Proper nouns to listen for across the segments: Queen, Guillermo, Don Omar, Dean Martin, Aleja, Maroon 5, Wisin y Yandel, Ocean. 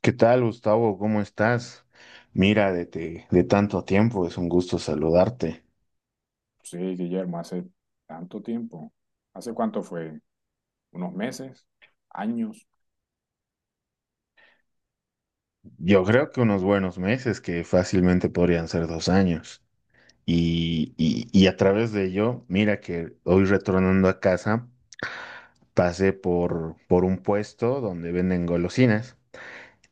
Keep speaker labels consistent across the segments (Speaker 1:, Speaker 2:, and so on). Speaker 1: ¿Qué tal, Gustavo? ¿Cómo estás? Mira, de tanto tiempo, es un gusto saludarte.
Speaker 2: Sí, Guillermo, hace tanto tiempo. ¿Hace cuánto fue? ¿Unos meses? ¿Años?
Speaker 1: Yo creo que unos buenos meses, que fácilmente podrían ser 2 años. Y a través de ello, mira que hoy retornando a casa, pasé por un puesto donde venden golosinas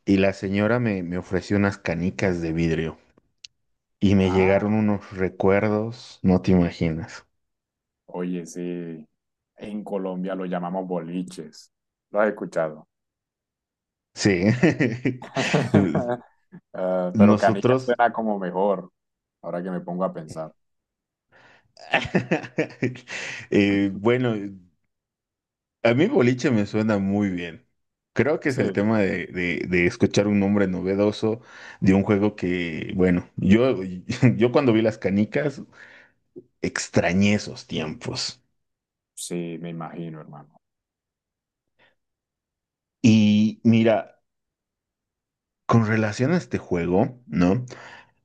Speaker 1: y la señora me ofreció unas canicas de vidrio y me
Speaker 2: Ah,
Speaker 1: llegaron unos recuerdos, no te imaginas.
Speaker 2: oye, sí. En Colombia lo llamamos boliches. Lo has escuchado.
Speaker 1: Sí.
Speaker 2: Ah, pero canica
Speaker 1: Nosotros.
Speaker 2: suena como mejor, ahora que me pongo a pensar.
Speaker 1: Bueno, a mí boliche me suena muy bien. Creo que es
Speaker 2: Sí,
Speaker 1: el tema de escuchar un nombre novedoso de un juego que, bueno, yo, yo cuando vi las canicas extrañé esos tiempos.
Speaker 2: sí, me imagino, hermano.
Speaker 1: Y mira, con relación a este juego, ¿no?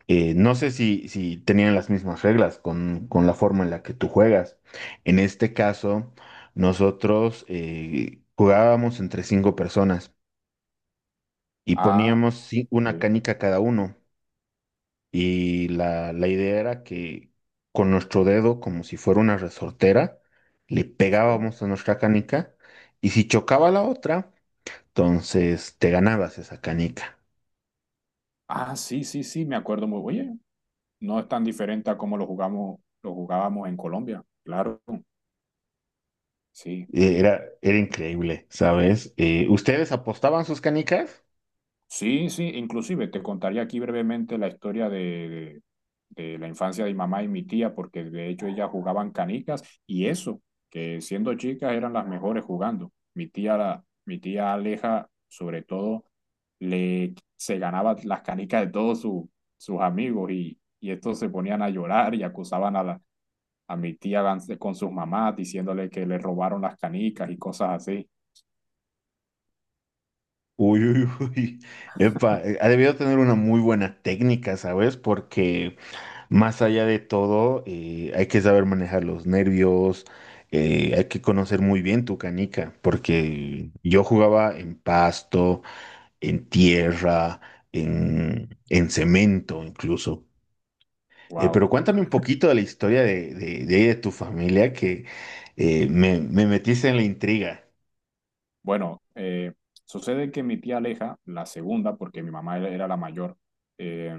Speaker 1: No sé si tenían las mismas reglas con la forma en la que tú juegas. En este caso, nosotros jugábamos entre cinco personas y
Speaker 2: Ah,
Speaker 1: poníamos, sí, una
Speaker 2: sí,
Speaker 1: canica cada uno. Y la idea era que con nuestro dedo, como si fuera una resortera, le
Speaker 2: sí.
Speaker 1: pegábamos a nuestra canica, y si chocaba la otra, entonces te ganabas esa canica.
Speaker 2: Ah, sí, sí, sí, me acuerdo muy. Bien. Oye, no es tan diferente a como lo jugábamos en Colombia. Claro, sí.
Speaker 1: Era increíble, ¿sabes? ¿Ustedes apostaban sus canicas?
Speaker 2: Sí, sí, inclusive te contaría aquí brevemente la historia de la infancia de mi mamá y mi tía, porque de hecho ellas jugaban canicas y eso, que siendo chicas eran las mejores jugando. Mi tía, mi tía Aleja, sobre todo, le, se ganaba las canicas de todos sus amigos y estos se ponían a llorar y acusaban a, la, a mi tía con sus mamás diciéndole que le robaron las canicas y cosas así.
Speaker 1: Uy, uy, uy. Epa, ha debido tener una muy buena técnica, ¿sabes? Porque, más allá de todo, hay que saber manejar los nervios, hay que conocer muy bien tu canica, porque yo jugaba en pasto, en tierra, en cemento incluso. Pero
Speaker 2: Wow.
Speaker 1: cuéntame un poquito de la historia de tu familia, que me metiste en la intriga.
Speaker 2: Bueno, sucede que mi tía Aleja, la segunda, porque mi mamá era la mayor, eh,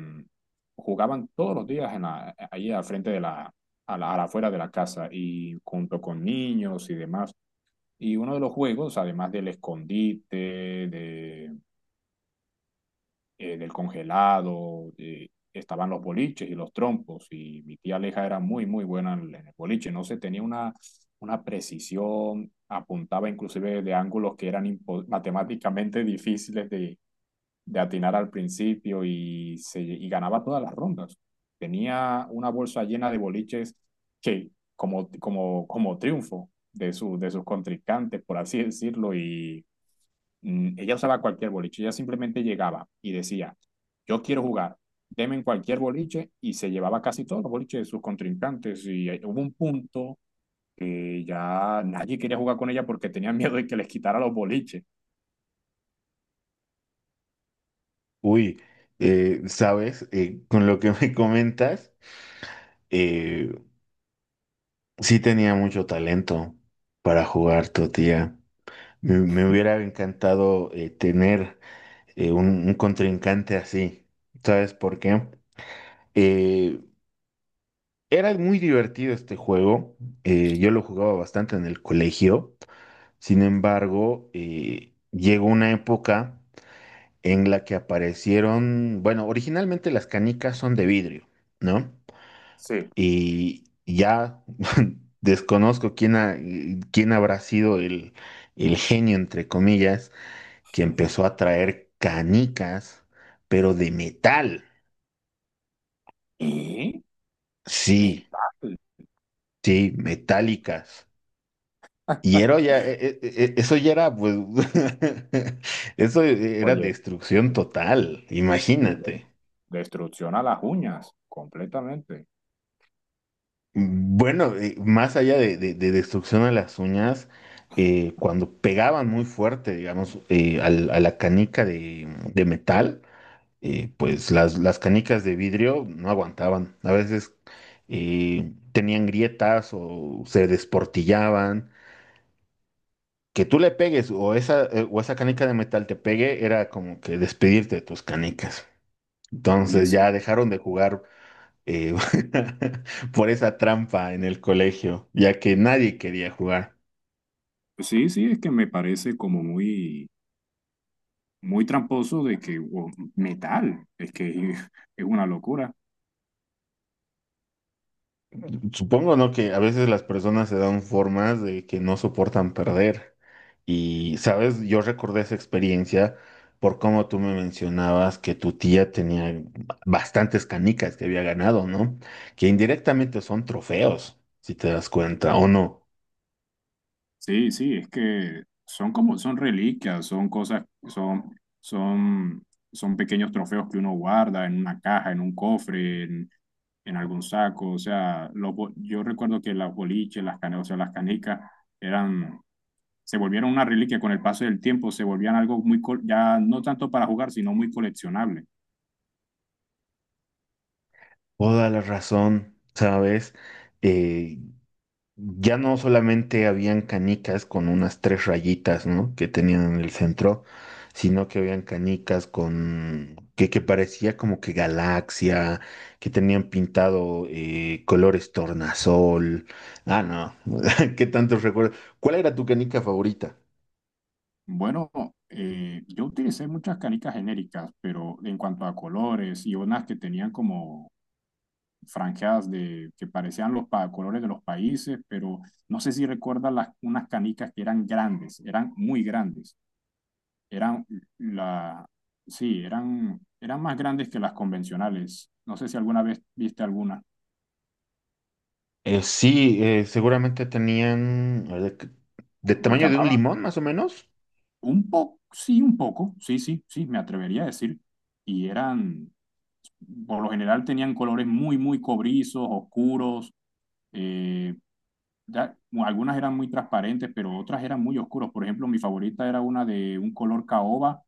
Speaker 2: jugaban todos los días en la, ahí al frente de la, a la, a la afuera de la casa y junto con niños y demás. Y uno de los juegos, además del escondite, del congelado, estaban los boliches y los trompos, y mi tía Aleja era muy, muy buena en el boliche, no sé, tenía una precisión, apuntaba inclusive de ángulos que eran impo- matemáticamente difíciles de atinar al principio y, se, y ganaba todas las rondas. Tenía una bolsa llena de boliches que, como, como, como triunfo de, su, de sus contrincantes, por así decirlo, y ella usaba cualquier boliche, ella simplemente llegaba y decía, yo quiero jugar, deme en cualquier boliche y se llevaba casi todos los boliches de sus contrincantes y ahí hubo un punto que ya nadie quería jugar con ella porque tenía miedo de que les quitara los boliches.
Speaker 1: Uy, sabes, con lo que me comentas, eh, sí tenía mucho talento para jugar tu tía. Me hubiera encantado tener un contrincante así. ¿Sabes por qué? Eh, Era muy divertido este juego. Yo lo jugaba bastante en el colegio. Sin embargo, llegó una época en la que aparecieron, bueno, originalmente las canicas son de vidrio, ¿no?
Speaker 2: Sí.
Speaker 1: Y ya desconozco quién, quién habrá sido el genio, entre comillas, que empezó a traer canicas, pero de metal.
Speaker 2: Y mi
Speaker 1: Sí,
Speaker 2: padre.
Speaker 1: sí, metálicas. Y era ya, eso ya era, pues, era
Speaker 2: Oye,
Speaker 1: destrucción total,
Speaker 2: eh,
Speaker 1: imagínate.
Speaker 2: destrucción a las uñas, completamente.
Speaker 1: Bueno, más allá de destrucción a las uñas, cuando pegaban muy fuerte, digamos, a la canica de metal, pues las canicas de vidrio no aguantaban. A veces tenían grietas o se desportillaban. Que tú le pegues o esa canica de metal te pegue era como que despedirte de tus canicas.
Speaker 2: Oye,
Speaker 1: Entonces
Speaker 2: sí,
Speaker 1: ya dejaron de jugar eh, por esa trampa en el colegio, ya que nadie quería jugar.
Speaker 2: sí, sí, es que me parece como muy, muy tramposo de que, o, metal, es que es una locura.
Speaker 1: Supongo, ¿no? Que a veces las personas se dan formas de que no soportan perder. Y, ¿sabes?, yo recordé esa experiencia por cómo tú me mencionabas que tu tía tenía bastantes canicas que había ganado, ¿no? Que indirectamente son trofeos, si te das cuenta, ¿o no?
Speaker 2: Sí, sí, es que son como, son reliquias, son cosas, son, son, son pequeños trofeos que uno guarda en una caja, en un cofre, en algún saco. O sea, los bo- yo recuerdo que las boliches, las canecas, o sea, las canicas eran, se volvieron una reliquia con el paso del tiempo, se volvían algo muy, col- ya no tanto para jugar, sino muy coleccionable.
Speaker 1: Toda la razón, ¿sabes? Eh, Ya no solamente habían canicas con unas tres rayitas, ¿no?, que tenían en el centro, sino que habían canicas que parecía como que galaxia, que tenían pintado colores tornasol. Ah, no, qué tantos recuerdos. ¿Cuál era tu canica favorita?
Speaker 2: Bueno, yo utilicé muchas canicas genéricas, pero en cuanto a colores y unas que tenían como franjas de, que parecían los pa- colores de los países, pero no sé si recuerdas las, unas canicas que eran grandes, eran muy grandes, eran la, sí, eran, eran más grandes que las convencionales. No sé si alguna vez viste alguna.
Speaker 1: Sí, seguramente tenían, a ver, de
Speaker 2: Los
Speaker 1: tamaño de un
Speaker 2: llamaba
Speaker 1: limón, más o menos.
Speaker 2: un poco, sí, sí, sí, me atrevería a decir. Y eran, por lo general tenían colores muy, muy cobrizos, oscuros, eh, ya, algunas eran muy transparentes, pero otras eran muy oscuras. Por ejemplo, mi favorita era una de un color caoba,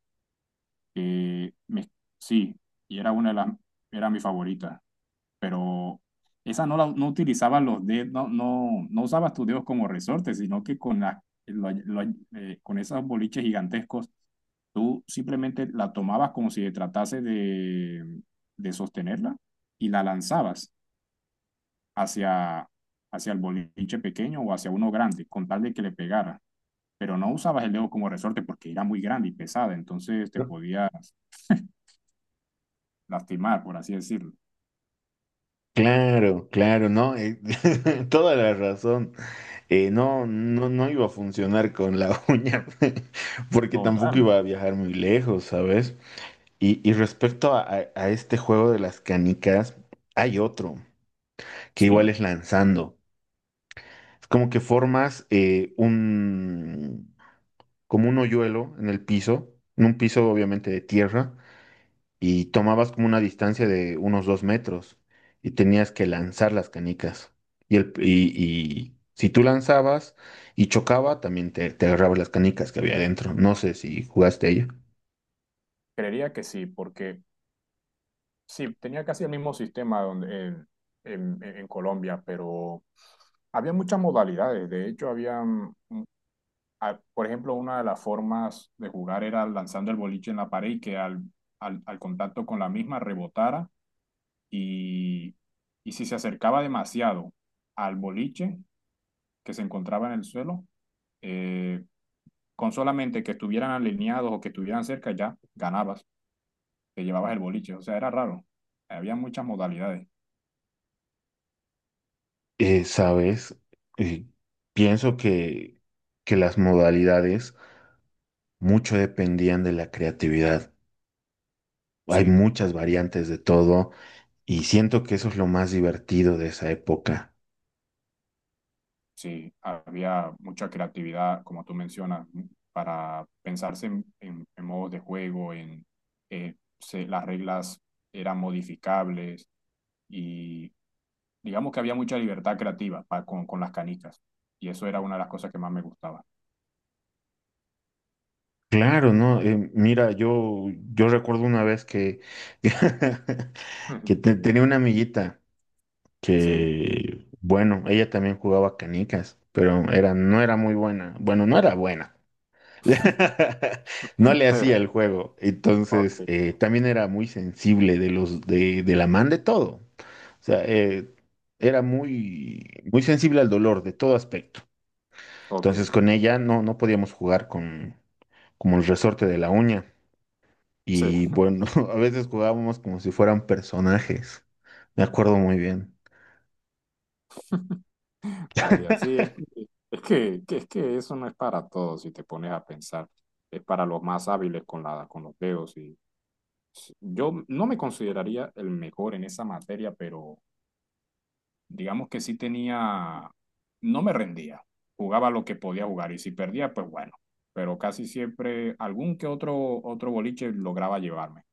Speaker 2: que sí, y era una de las, era mi favorita, pero esa no la no utilizaba los dedos, no, no, no usabas tus dedos como resortes, sino que con las lo- lo- con esos boliches gigantescos, tú simplemente la tomabas como si tratase de sostenerla y la lanzabas hacia, hacia el boliche pequeño o hacia uno grande, con tal de que le pegara. Pero no usabas el dedo como resorte porque era muy grande y pesada, entonces te podías lastimar, por así decirlo.
Speaker 1: Claro, claro, ¿no? Toda la razón. No, no, no iba a funcionar con la uña, porque tampoco
Speaker 2: Total,
Speaker 1: iba a viajar muy lejos, ¿sabes? Y respecto a este juego de las canicas, hay otro que igual
Speaker 2: sí.
Speaker 1: es lanzando. Es como que formas como un hoyuelo en el piso, en un piso obviamente de tierra, y tomabas como una distancia de unos 2 metros y tenías que lanzar las canicas. Y, el, y, y si tú lanzabas y chocaba, también te agarrabas las canicas que había adentro. No sé si jugaste a ello.
Speaker 2: Creería que sí, porque sí, tenía casi el mismo sistema donde, en Colombia, pero había muchas modalidades. De hecho, había, por ejemplo, una de las formas de jugar era lanzando el boliche en la pared y que al contacto con la misma rebotara y, y si se acercaba demasiado al boliche que se encontraba en el suelo, eh, con solamente que estuvieran alineados o que estuvieran cerca ya ganabas, te llevabas el boliche, o sea, era raro, había muchas modalidades,
Speaker 1: Sabes, Eh, pienso que las modalidades mucho dependían de la creatividad. Hay
Speaker 2: sí,
Speaker 1: muchas variantes de todo, y siento que eso es lo más divertido de esa época.
Speaker 2: sí, había mucha creatividad, como tú mencionas, para pensarse en, en modos de juego, en las reglas eran modificables y digamos que había mucha libertad creativa pa- con las canicas. Y eso era una de las cosas que más me gustaba.
Speaker 1: Claro, ¿no? Mira, yo recuerdo una vez que, tenía una amiguita
Speaker 2: Sí.
Speaker 1: que, bueno, ella también jugaba canicas, pero era, no era muy buena. Bueno, no era buena. No
Speaker 2: Ok.
Speaker 1: le
Speaker 2: Sí.
Speaker 1: hacía el juego.
Speaker 2: Ok,
Speaker 1: Entonces, también era muy sensible de los, de la man de todo. O sea, era muy, muy sensible al dolor de todo aspecto.
Speaker 2: ok.
Speaker 1: Entonces, con ella no podíamos jugar como el resorte de la uña.
Speaker 2: Sí.
Speaker 1: Y bueno, a veces jugábamos como si fueran personajes. Me acuerdo muy bien.
Speaker 2: Vaya, sí, es que- es que eso no es para todos si te pones a pensar. Es para los más hábiles con la, con los dedos. Y yo no me consideraría el mejor en esa materia, pero digamos que sí tenía, no me rendía, jugaba lo que podía jugar y si perdía, pues bueno, pero casi siempre algún que otro, otro boliche lograba llevarme.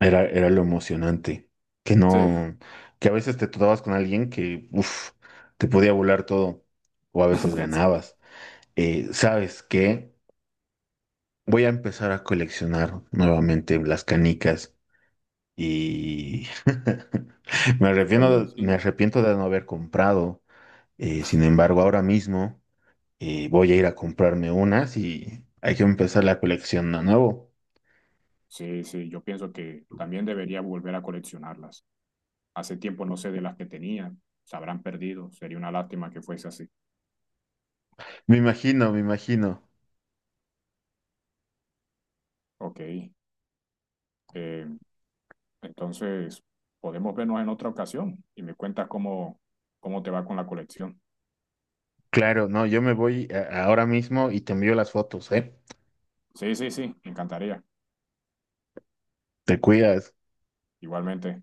Speaker 1: Era lo emocionante. Que
Speaker 2: Sí,
Speaker 1: no, que a veces te topabas con alguien que, uff, te podía volar todo. O a veces
Speaker 2: sí,
Speaker 1: ganabas. ¿Sabes qué? Voy a empezar a coleccionar nuevamente las canicas. Y me
Speaker 2: oye,
Speaker 1: arrepiento, me
Speaker 2: sí.
Speaker 1: arrepiento de no haber comprado. Sin embargo, ahora mismo y voy a ir a comprarme unas, y hay que empezar la colección de nuevo.
Speaker 2: Sí, sí, yo pienso que también debería volver a coleccionarlas. Hace tiempo no sé de las que tenía, se habrán perdido, sería una lástima que fuese así.
Speaker 1: Me imagino, me imagino.
Speaker 2: Ok, eh, entonces podemos vernos en otra ocasión y me cuentas cómo, cómo te va con la colección.
Speaker 1: Claro, no, yo me ahora mismo y te envío las fotos, ¿eh?
Speaker 2: Sí, sí, sí, me encantaría,
Speaker 1: Te cuidas.
Speaker 2: igualmente.